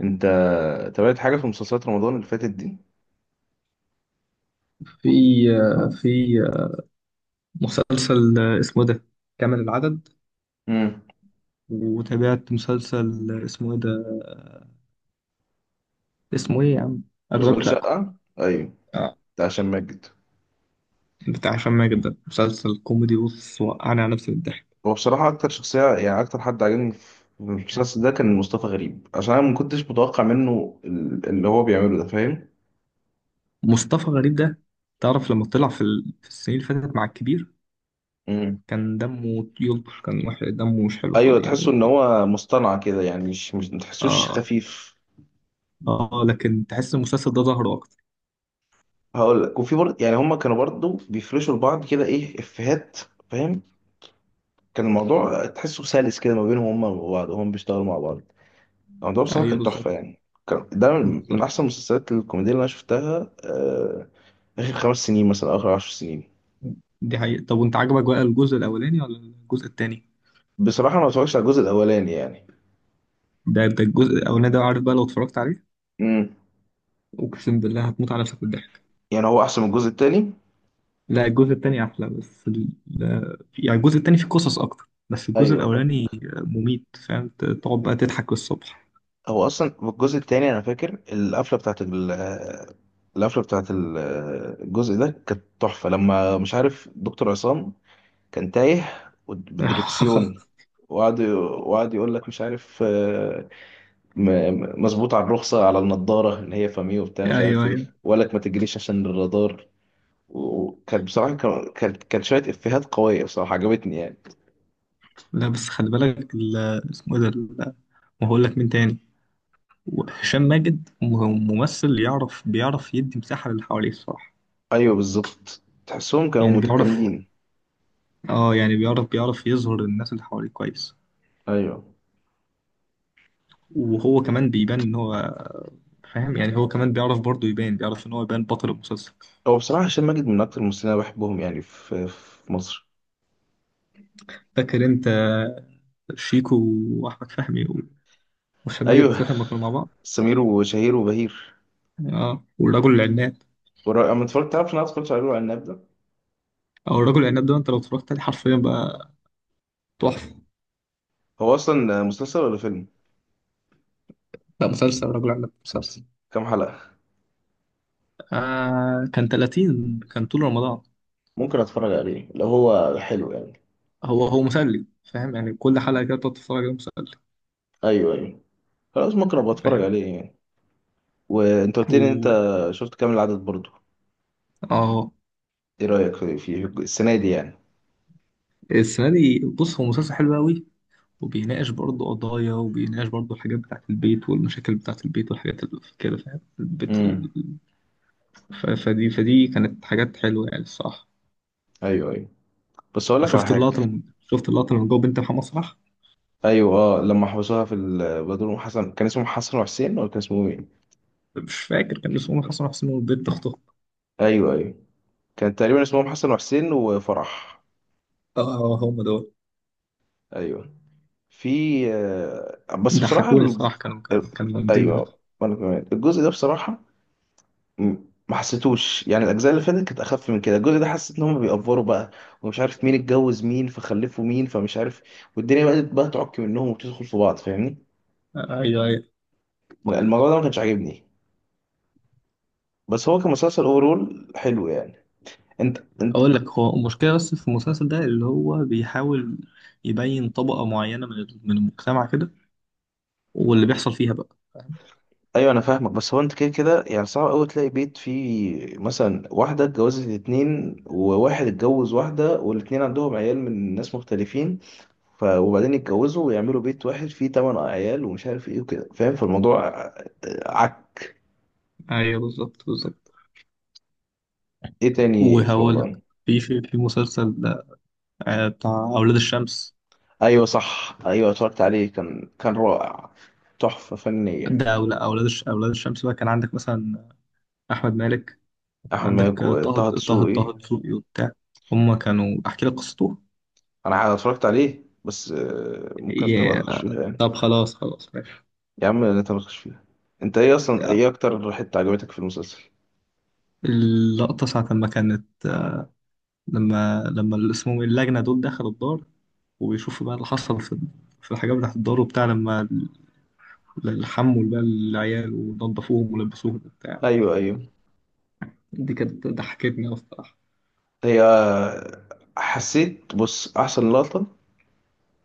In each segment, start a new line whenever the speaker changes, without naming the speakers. انت تابعت حاجه في مسلسلات رمضان اللي فاتت دي؟
في في مسلسل اسمه ده كامل العدد.
امم
وتابعت مسلسل اسمه ايه ده؟ اسمه ايه يا عم؟
اشغال
اشغال شقة.
شقه. ايوه،
آه،
بتاع هشام ماجد.
بتاع هشام ماجد. ده مسلسل كوميدي، بص وقعني على نفسي بالضحك.
هو بصراحه اكتر شخصيه، يعني اكتر حد عجبني في المسلسل ده كان مصطفى غريب، عشان انا ما كنتش متوقع منه اللي هو بيعمله ده، فاهم؟
مصطفى غريب ده، تعرف لما طلع في في السنين اللي فاتت مع الكبير؟
امم
كان دمه يلطش، كان وحش، دمه مش حلو خالص،
ايوه، تحسه
يعني
ان
كان.
هو مصطنع كده، يعني مش ما تحسوش
اه.
خفيف.
اه، لكن تحس المسلسل ده ظهره اكتر.
هقول لك، وفي برضه يعني هما كانوا برضه بيفرشوا لبعض كده ايه افيهات، فاهم. كان الموضوع تحسه سلس كده ما بينهم هما وبعض، وهم بيشتغلوا مع بعض. الموضوع بصراحة
ايوه،
كان تحفة
بالظبط
يعني. كان ده من
بالظبط.
أحسن المسلسلات الكوميدية اللي أنا شفتها، آخر 5 سنين مثلا، أو آخر 10 سنين.
دي حقيقة. طب وانت عجبك بقى الجزء الاولاني ولا الجزء التاني؟
بصراحة أنا ما اتفرجتش على الجزء الأولاني يعني.
ده الجزء الاولاني ده، عارف بقى لو اتفرجت عليه،
امم
اقسم بالله هتموت على نفسك بالضحك.
يعني هو أحسن من الجزء التاني؟
لا، الجزء التاني احلى، بس ال... لا- يعني الجزء التاني فيه قصص اكتر، بس الجزء
أيوه طبعا.
الاولاني مميت. فاهم؟ تقعد بقى تضحك الصبح.
هو أصلا في الجزء التاني أنا فاكر القفلة بتاعت الجزء ده كانت تحفة، لما مش عارف دكتور عصام كان تايه بالدركسيون، وقعد يقول لك مش عارف، مظبوط على الرخصة، على النضارة اللي هي فامي وبتاع مش
ايوه
عارف ايه،
ايوه.
وقالك ما تجريش عشان الرادار. وكان بصراحة، كان شوية إفيهات قوية بصراحة عجبتني يعني.
لا بس خلي بالك اسمه إيه ده ما هقول لك مين تاني. هشام ماجد ممثل يعرف، بيعرف يدي مساحة للي حواليه الصراحة.
أيوه بالظبط، تحسهم كانوا
يعني بيعرف.
متكاملين.
اه يعني بيعرف يظهر الناس اللي حواليه كويس.
أيوه.
وهو كمان بيبان ان هو، فاهم؟ يعني هو كمان بيعرف برضه يبان، بيعرف ان هو يبان بطل المسلسل.
هو بصراحة هشام ماجد من أكتر الممثلين اللي أنا بحبهم يعني في مصر.
فاكر انت شيكو واحمد فهمي و- وهشام ماجد
أيوه،
الثلاثه لما كانوا مع بعض؟
سمير وشهير وبهير.
يعني اه. والرجل العناب،
أما اتفرجت، تعرف إن أنا اتفرجت على الورق العناب ده؟
او الرجل العناب ده، انت لو اتفرجت عليه حرفيا بقى تحفه.
هو أصلا مسلسل ولا فيلم؟
لا، مسلسل الرجل العناب مسلسل.
كام حلقة؟
كان 30، كان طول رمضان.
ممكن أتفرج عليه لو هو حلو يعني.
هو مسلي. فاهم؟ يعني كل حلقه كده بتقعد تتفرج عليه، مسلي.
أيوه أيوه، خلاص ممكن أبقى أتفرج
فاهم؟
عليه يعني. وانت قلت لي ان انت
و
شفت كامل العدد برضو،
اه
ايه رايك في السنه دي يعني؟
السنه دي بص هو مسلسل حلو قوي، وبيناقش برضه قضايا، وبيناقش برضه الحاجات بتاعة البيت والمشاكل بتاعة البيت والحاجات اللي كده. فاهم؟ البيت
امم
ف... فدي فدي كانت حاجات حلوة يعني الصراحة.
ايوه ايوه. بس اقول لك على
وشفت
حاجه.
اللقطة لما شفت اللقطة لما جابوا بنت محمد صلاح؟
ايوه، اه لما حبسوها بدور أم حسن، كان اسمهم حسن وحسين، ولا كان اسمهم ايه؟
مش فاكر كان اسمه محمد صلاح، اسمه بنت أخته.
ايوه ايوه، كان تقريبا اسمهم حسن وحسين وفرح.
اه هم دول.
ايوه، في، بس بصراحه
ضحكوني
ال...
الصراحة، كانوا جامدين أوي.
ايوه، وانا كمان الجزء ده بصراحه م- ما حسيتوش، يعني الاجزاء اللي فاتت كانت اخف من كده، الجزء ده حسيت ان هم بيأفوروا بقى، ومش عارف مين اتجوز مين، فخلفوا مين، فمش عارف، والدنيا بدأت بقى تعك منهم وتدخل في بعض، فاهمني.
ايوه ايوه.
الموضوع ده ما كانش عاجبني، بس هو كمسلسل اوفرول حلو يعني. انت.
اقول لك، هو المشكله بس في المسلسل ده، اللي هو بيحاول يبين طبقه معينه من المجتمع كده، واللي بيحصل فيها بقى.
ايوه انا فاهمك، بس هو انت كده كده يعني صعب قوي تلاقي بيت فيه مثلا واحده اتجوزت اتنين، وواحد اتجوز واحده، والاتنين عندهم عيال من ناس مختلفين، وبعدين يتجوزوا ويعملوا بيت واحد فيه 8 عيال، ومش عارف ايه وكده، فاهم، فالموضوع عك.
ايوه بالظبط بالظبط.
ايه تاني في
وهقول لك،
رمضان؟
في مسلسل بتاع أولاد الشمس
ايوه صح، ايوه اتفرجت عليه، كان رائع. تحفه فنيه.
ده. أو لا، أولاد الشمس بقى كان عندك مثلا أحمد مالك، كان
احمد
عندك
مالك
طه
وطه
طه
دسوقي.
طه دسوقي وبتاع. هما كانوا، أحكي لك قصته؟
انا اتفرجت عليه، بس ممكن اختلطك
يا-
شويه يعني.
طب خلاص خلاص ماشي.
يا عم لا تناقش فيها. انت ايه اصلا، ايه اكتر حتة عجبتك في المسلسل؟
اللقطة ساعة لما كانت لما اللي اسمهم اللجنة دول دخلوا الدار، وبيشوفوا بقى اللي حصل في الحاجات بتاعت الدار وبتاع، لما الحمول بقى العيال ونضفوهم ولبسوهم وبتاع.
ايوه ايوه.
دي كانت ضحكتني أصلا.
هي حسيت، بص، احسن لقطة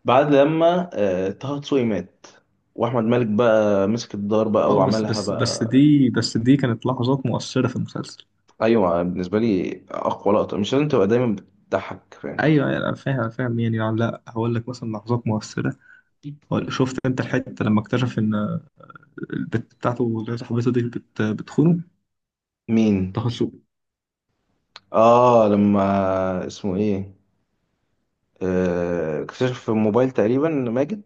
بعد لما طه دسوقي مات، واحمد مالك بقى مسك الدار بقى
اه، بس
وعملها بقى.
دي كانت لحظات مؤثرة في المسلسل.
ايوه بالنسبة لي اقوى لقطة مش لازم تبقى دايما بتضحك، فاهم.
ايوه أيوة، انا فاهم أنا فاهم يعني لا، هقول لك مثلا لحظات مؤثرة. شفت انت الحتة لما اكتشف ان البت بتاعته، اللي صاحبته دي، بت بتخونه؟
مين؟
تخصصه.
اه لما اسمه ايه، اكتشف في الموبايل تقريبا ماجد.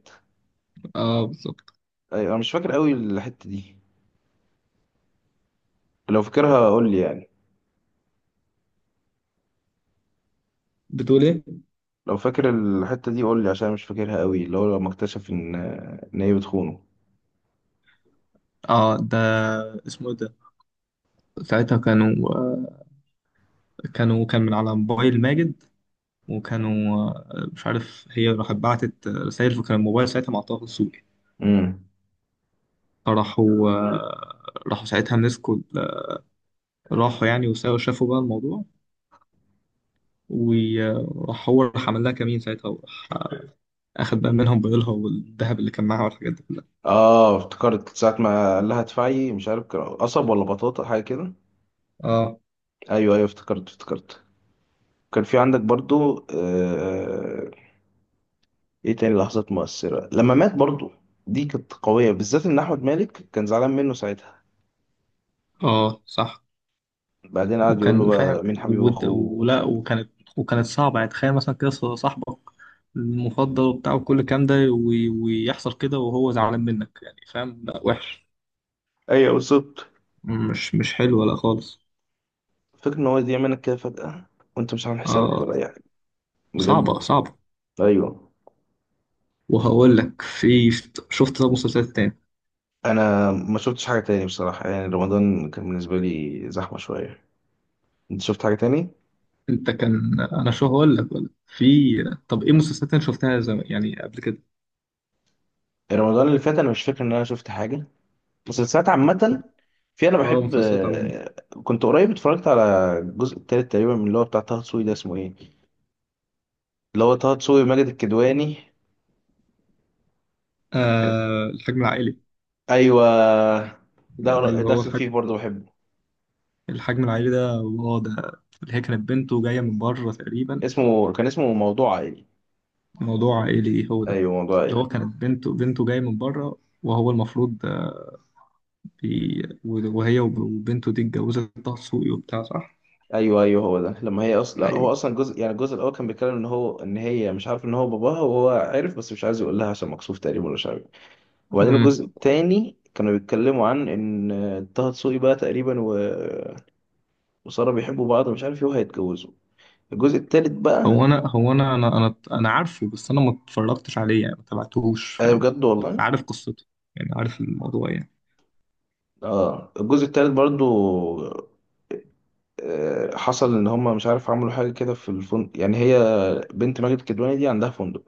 اه بالظبط.
ايوه انا مش فاكر قوي الحتة دي، لو فاكرها قول لي يعني.
بتقول ايه؟
لو فاكر الحتة دي قول لي، عشان أنا مش فاكرها قوي، اللي هو لما اكتشف ان هي بتخونه.
اه ده، اسمه إيه ده. ساعتها كانوا كان من على موبايل ماجد، وكانوا مش عارف، هي راحت بعتت رسائل، فكان الموبايل ساعتها مع طه السوقي.
امم
فراحوا آه، راحوا ساعتها مسكوا، راحوا يعني، وساووا شافوا بقى الموضوع. وراح هو راح عمل لها كمين ساعتها، وراح اخد بقى منهم بيضلها والذهب اللي كان معاها والحاجات دي كلها.
اه افتكرت، ساعة ما قال لها ادفعي مش عارف، كان قصب ولا بطاطا، حاجة كده.
اه.
ايوه ايوه، افتكرت. كان في عندك برضو، ايه تاني لحظات مؤثرة، لما مات برضو، دي كانت قوية، بالذات ان احمد مالك كان زعلان منه ساعتها،
اه صح.
بعدين قعد يقول له
وكان
بقى
فاهم
مين حبيب
ود-
اخوه، ومش
ولا
عارف.
وكانت صعبة يعني. تخيل مثلا كده صاحبك المفضل وبتاع وكل الكلام ده، ويحصل كده وهو زعلان منك يعني. فاهم؟ لا وحش.
ايوه بالظبط،
مش حلوة لا خالص.
فكرة ان هو يضيع منك كده فجأة، وانت مش عامل حسابك ولا
اه
اي حاجة،
صعبة
بجد.
صعبة.
ايوه.
وهقول لك، في، شفت ده مسلسلات تاني؟
انا ما شفتش حاجه تاني بصراحه، يعني رمضان كان بالنسبه لي زحمه شويه. انت شفت حاجه تاني؟
انت كان انا شو هقول لك، ولا في. طب ايه مسلسلات انت شفتها يعني قبل كده؟
رمضان اللي فات انا مش فاكر ان انا شفت حاجه، مسلسلات عامه. في، انا
اه
بحب،
مسلسلات عموما.
كنت قريب اتفرجت على الجزء التالت تقريبا من اللي هو بتاع طه دسوقي ده، اسمه ايه، اللي هو طه دسوقي وماجد الكدواني.
الحجم العائلي.
ايوه، ده
ايوه، هو
داخل فيه
الحجم
برضه بحبه.
الحجم العائلي ده هو ده اللي هي كانت بنته جايه من بره تقريبا.
اسمه، كان اسمه موضوع عائلي.
موضوع عائلي هو ده
ايوه موضوع
اللي هو
عائلي.
كانت بنته جايه من بره. وهو المفروض وهي وبنته دي اتجوزت طه دسوقي وبتاع، صح؟
ايوه ايوه، هو ده. لما هي اصلا
ايوه.
هو اصلا، جزء يعني الجزء الاول كان بيتكلم ان هو ان هي مش عارف ان هو باباها، وهو عارف بس مش عايز يقول لها عشان مكسوف تقريبا، ولا مش عارف. وبعدين
مم.
الجزء الثاني كانوا بيتكلموا عن ان طه دسوقي بقى تقريبا، وساره بيحبوا بعض، ومش عارف ايه وهيتجوزوا. الجزء الثالث
هو
بقى.
انا هو انا انا عارفه، بس انا ما اتفرجتش عليه، يعني ما تابعتهوش.
ايوه
فاهم؟
بجد
بس
والله.
عارف قصته، يعني عارف الموضوع يعني.
اه الجزء الثالث برضو، حصل ان هم مش عارف، عملوا حاجه كده في الفندق، يعني هي بنت ماجد الكدواني دي عندها فندق،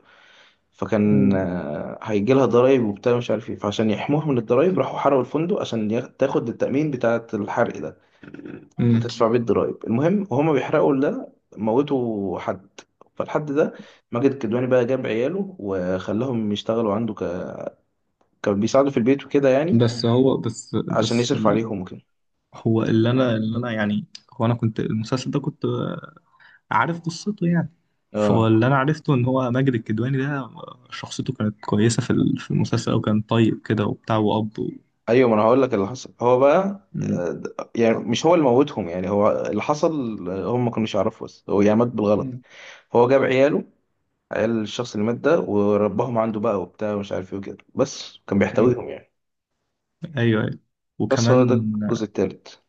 فكان،
مم.
هيجي لها ضرايب وبتاع مش عارف ايه، فعشان يحموها من الضرايب راحوا حرقوا الفندق، عشان تاخد التأمين بتاعة الحرق ده، وتدفع
امم.
بيه الضرايب. المهم وهما بيحرقوا ده موتوا حد. فالحد ده، ماجد الكدواني بقى جاب عياله وخلاهم يشتغلوا عنده، كان بيساعده في البيت وكده يعني،
بس هو
عشان يصرف عليهم وكده.
هو، اللي انا يعني، هو انا كنت المسلسل ده كنت عارف قصته يعني. فهو
اه.
اللي انا عرفته ان هو ماجد الكدواني ده، شخصيته كانت كويسة في المسلسل، او كان طيب كده وبتاع
ايوه ما انا هقول لك اللي حصل، هو بقى،
مم.
يعني مش هو اللي موتهم، يعني هو اللي حصل، هم ما كانوش يعرفوا، بس هو يعني مات بالغلط.
مم.
هو جاب عياله، عيال الشخص اللي مات ده، ورباهم عنده بقى وبتاع، ومش عارف ايه وكده، بس كان
مم.
بيحتويهم يعني.
ايوه ايوه.
بس هو ده
وكمان،
الجزء التالت.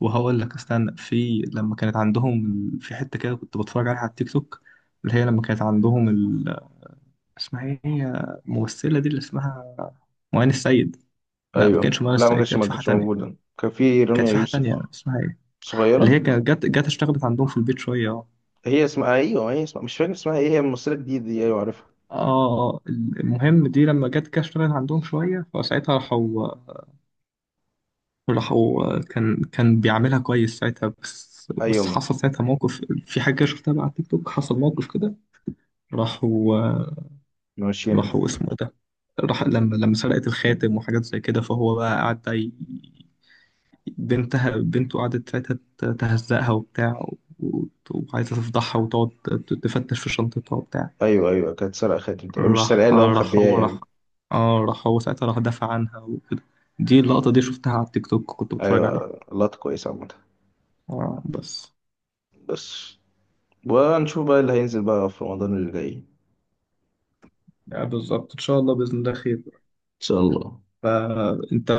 وهقول لك استنى، في لما كانت عندهم في حتة كده، كنت بتفرج عليها على التيك توك. اللي هي لما كانت عندهم اسمها ايه هي الممثلة دي، اللي اسمها معين السيد؟ لا، ما
ايوه
كانتش معين
لا، ما
السيد،
كانتش
كانت
ما
في حاجة
كانتش
تانية.
موجوده، كان في
كانت
رانيا
في حاجة
يوسف.
تانية اسمها ايه، اللي هي
صغيره.
كانت جت اشتغلت عندهم في البيت شوية. اه.
هي اسمها، ايوه هي اسمها مش فاكر اسمها ايه، هي ممثله جديده دي، ايوه عارفها.
اه، المهم دي لما جت كده اشتغلت عندهم شوية، فساعتها راحوا، راحوا كان بيعملها كويس ساعتها، بس
ايوه
حصل ساعتها موقف، في حاجة شفتها بقى على التيك توك، حصل موقف كده. راحوا.
ماشيينها.
راحوا اسمه إيه ده. راح لما سرقت الخاتم وحاجات زي كده، فهو بقى قعد بقى بنته قعدت ساعتها تهزقها وبتاع، و- وعايزة تفضحها وتقعد تفتش في شنطتها وبتاع.
ايوه ايوه كانت سارقه خاتم تقريبا، مش سارقاه
راح
اللي هو
راح
مخبياه
هو راح
يعني.
اه، راح هو ساعتها راح دافع عنها وكده. دي اللقطة دي شفتها على التيك توك، كنت بتفرج عليها.
ايوه لقطه كويسه عامه.
اه بس.
بس. ونشوف بقى اللي هينزل بقى في رمضان اللي جاي، ان
بالظبط، ان شاء الله، باذن الله خير.
شاء الله.
فانت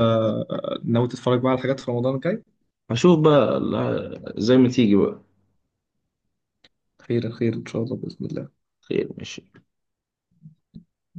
ناوي تتفرج بقى على حاجات في رمضان الجاي؟
هشوف بقى، زي ما تيجي بقى.
خير خير ان شاء الله باذن الله.
خير، ماشي.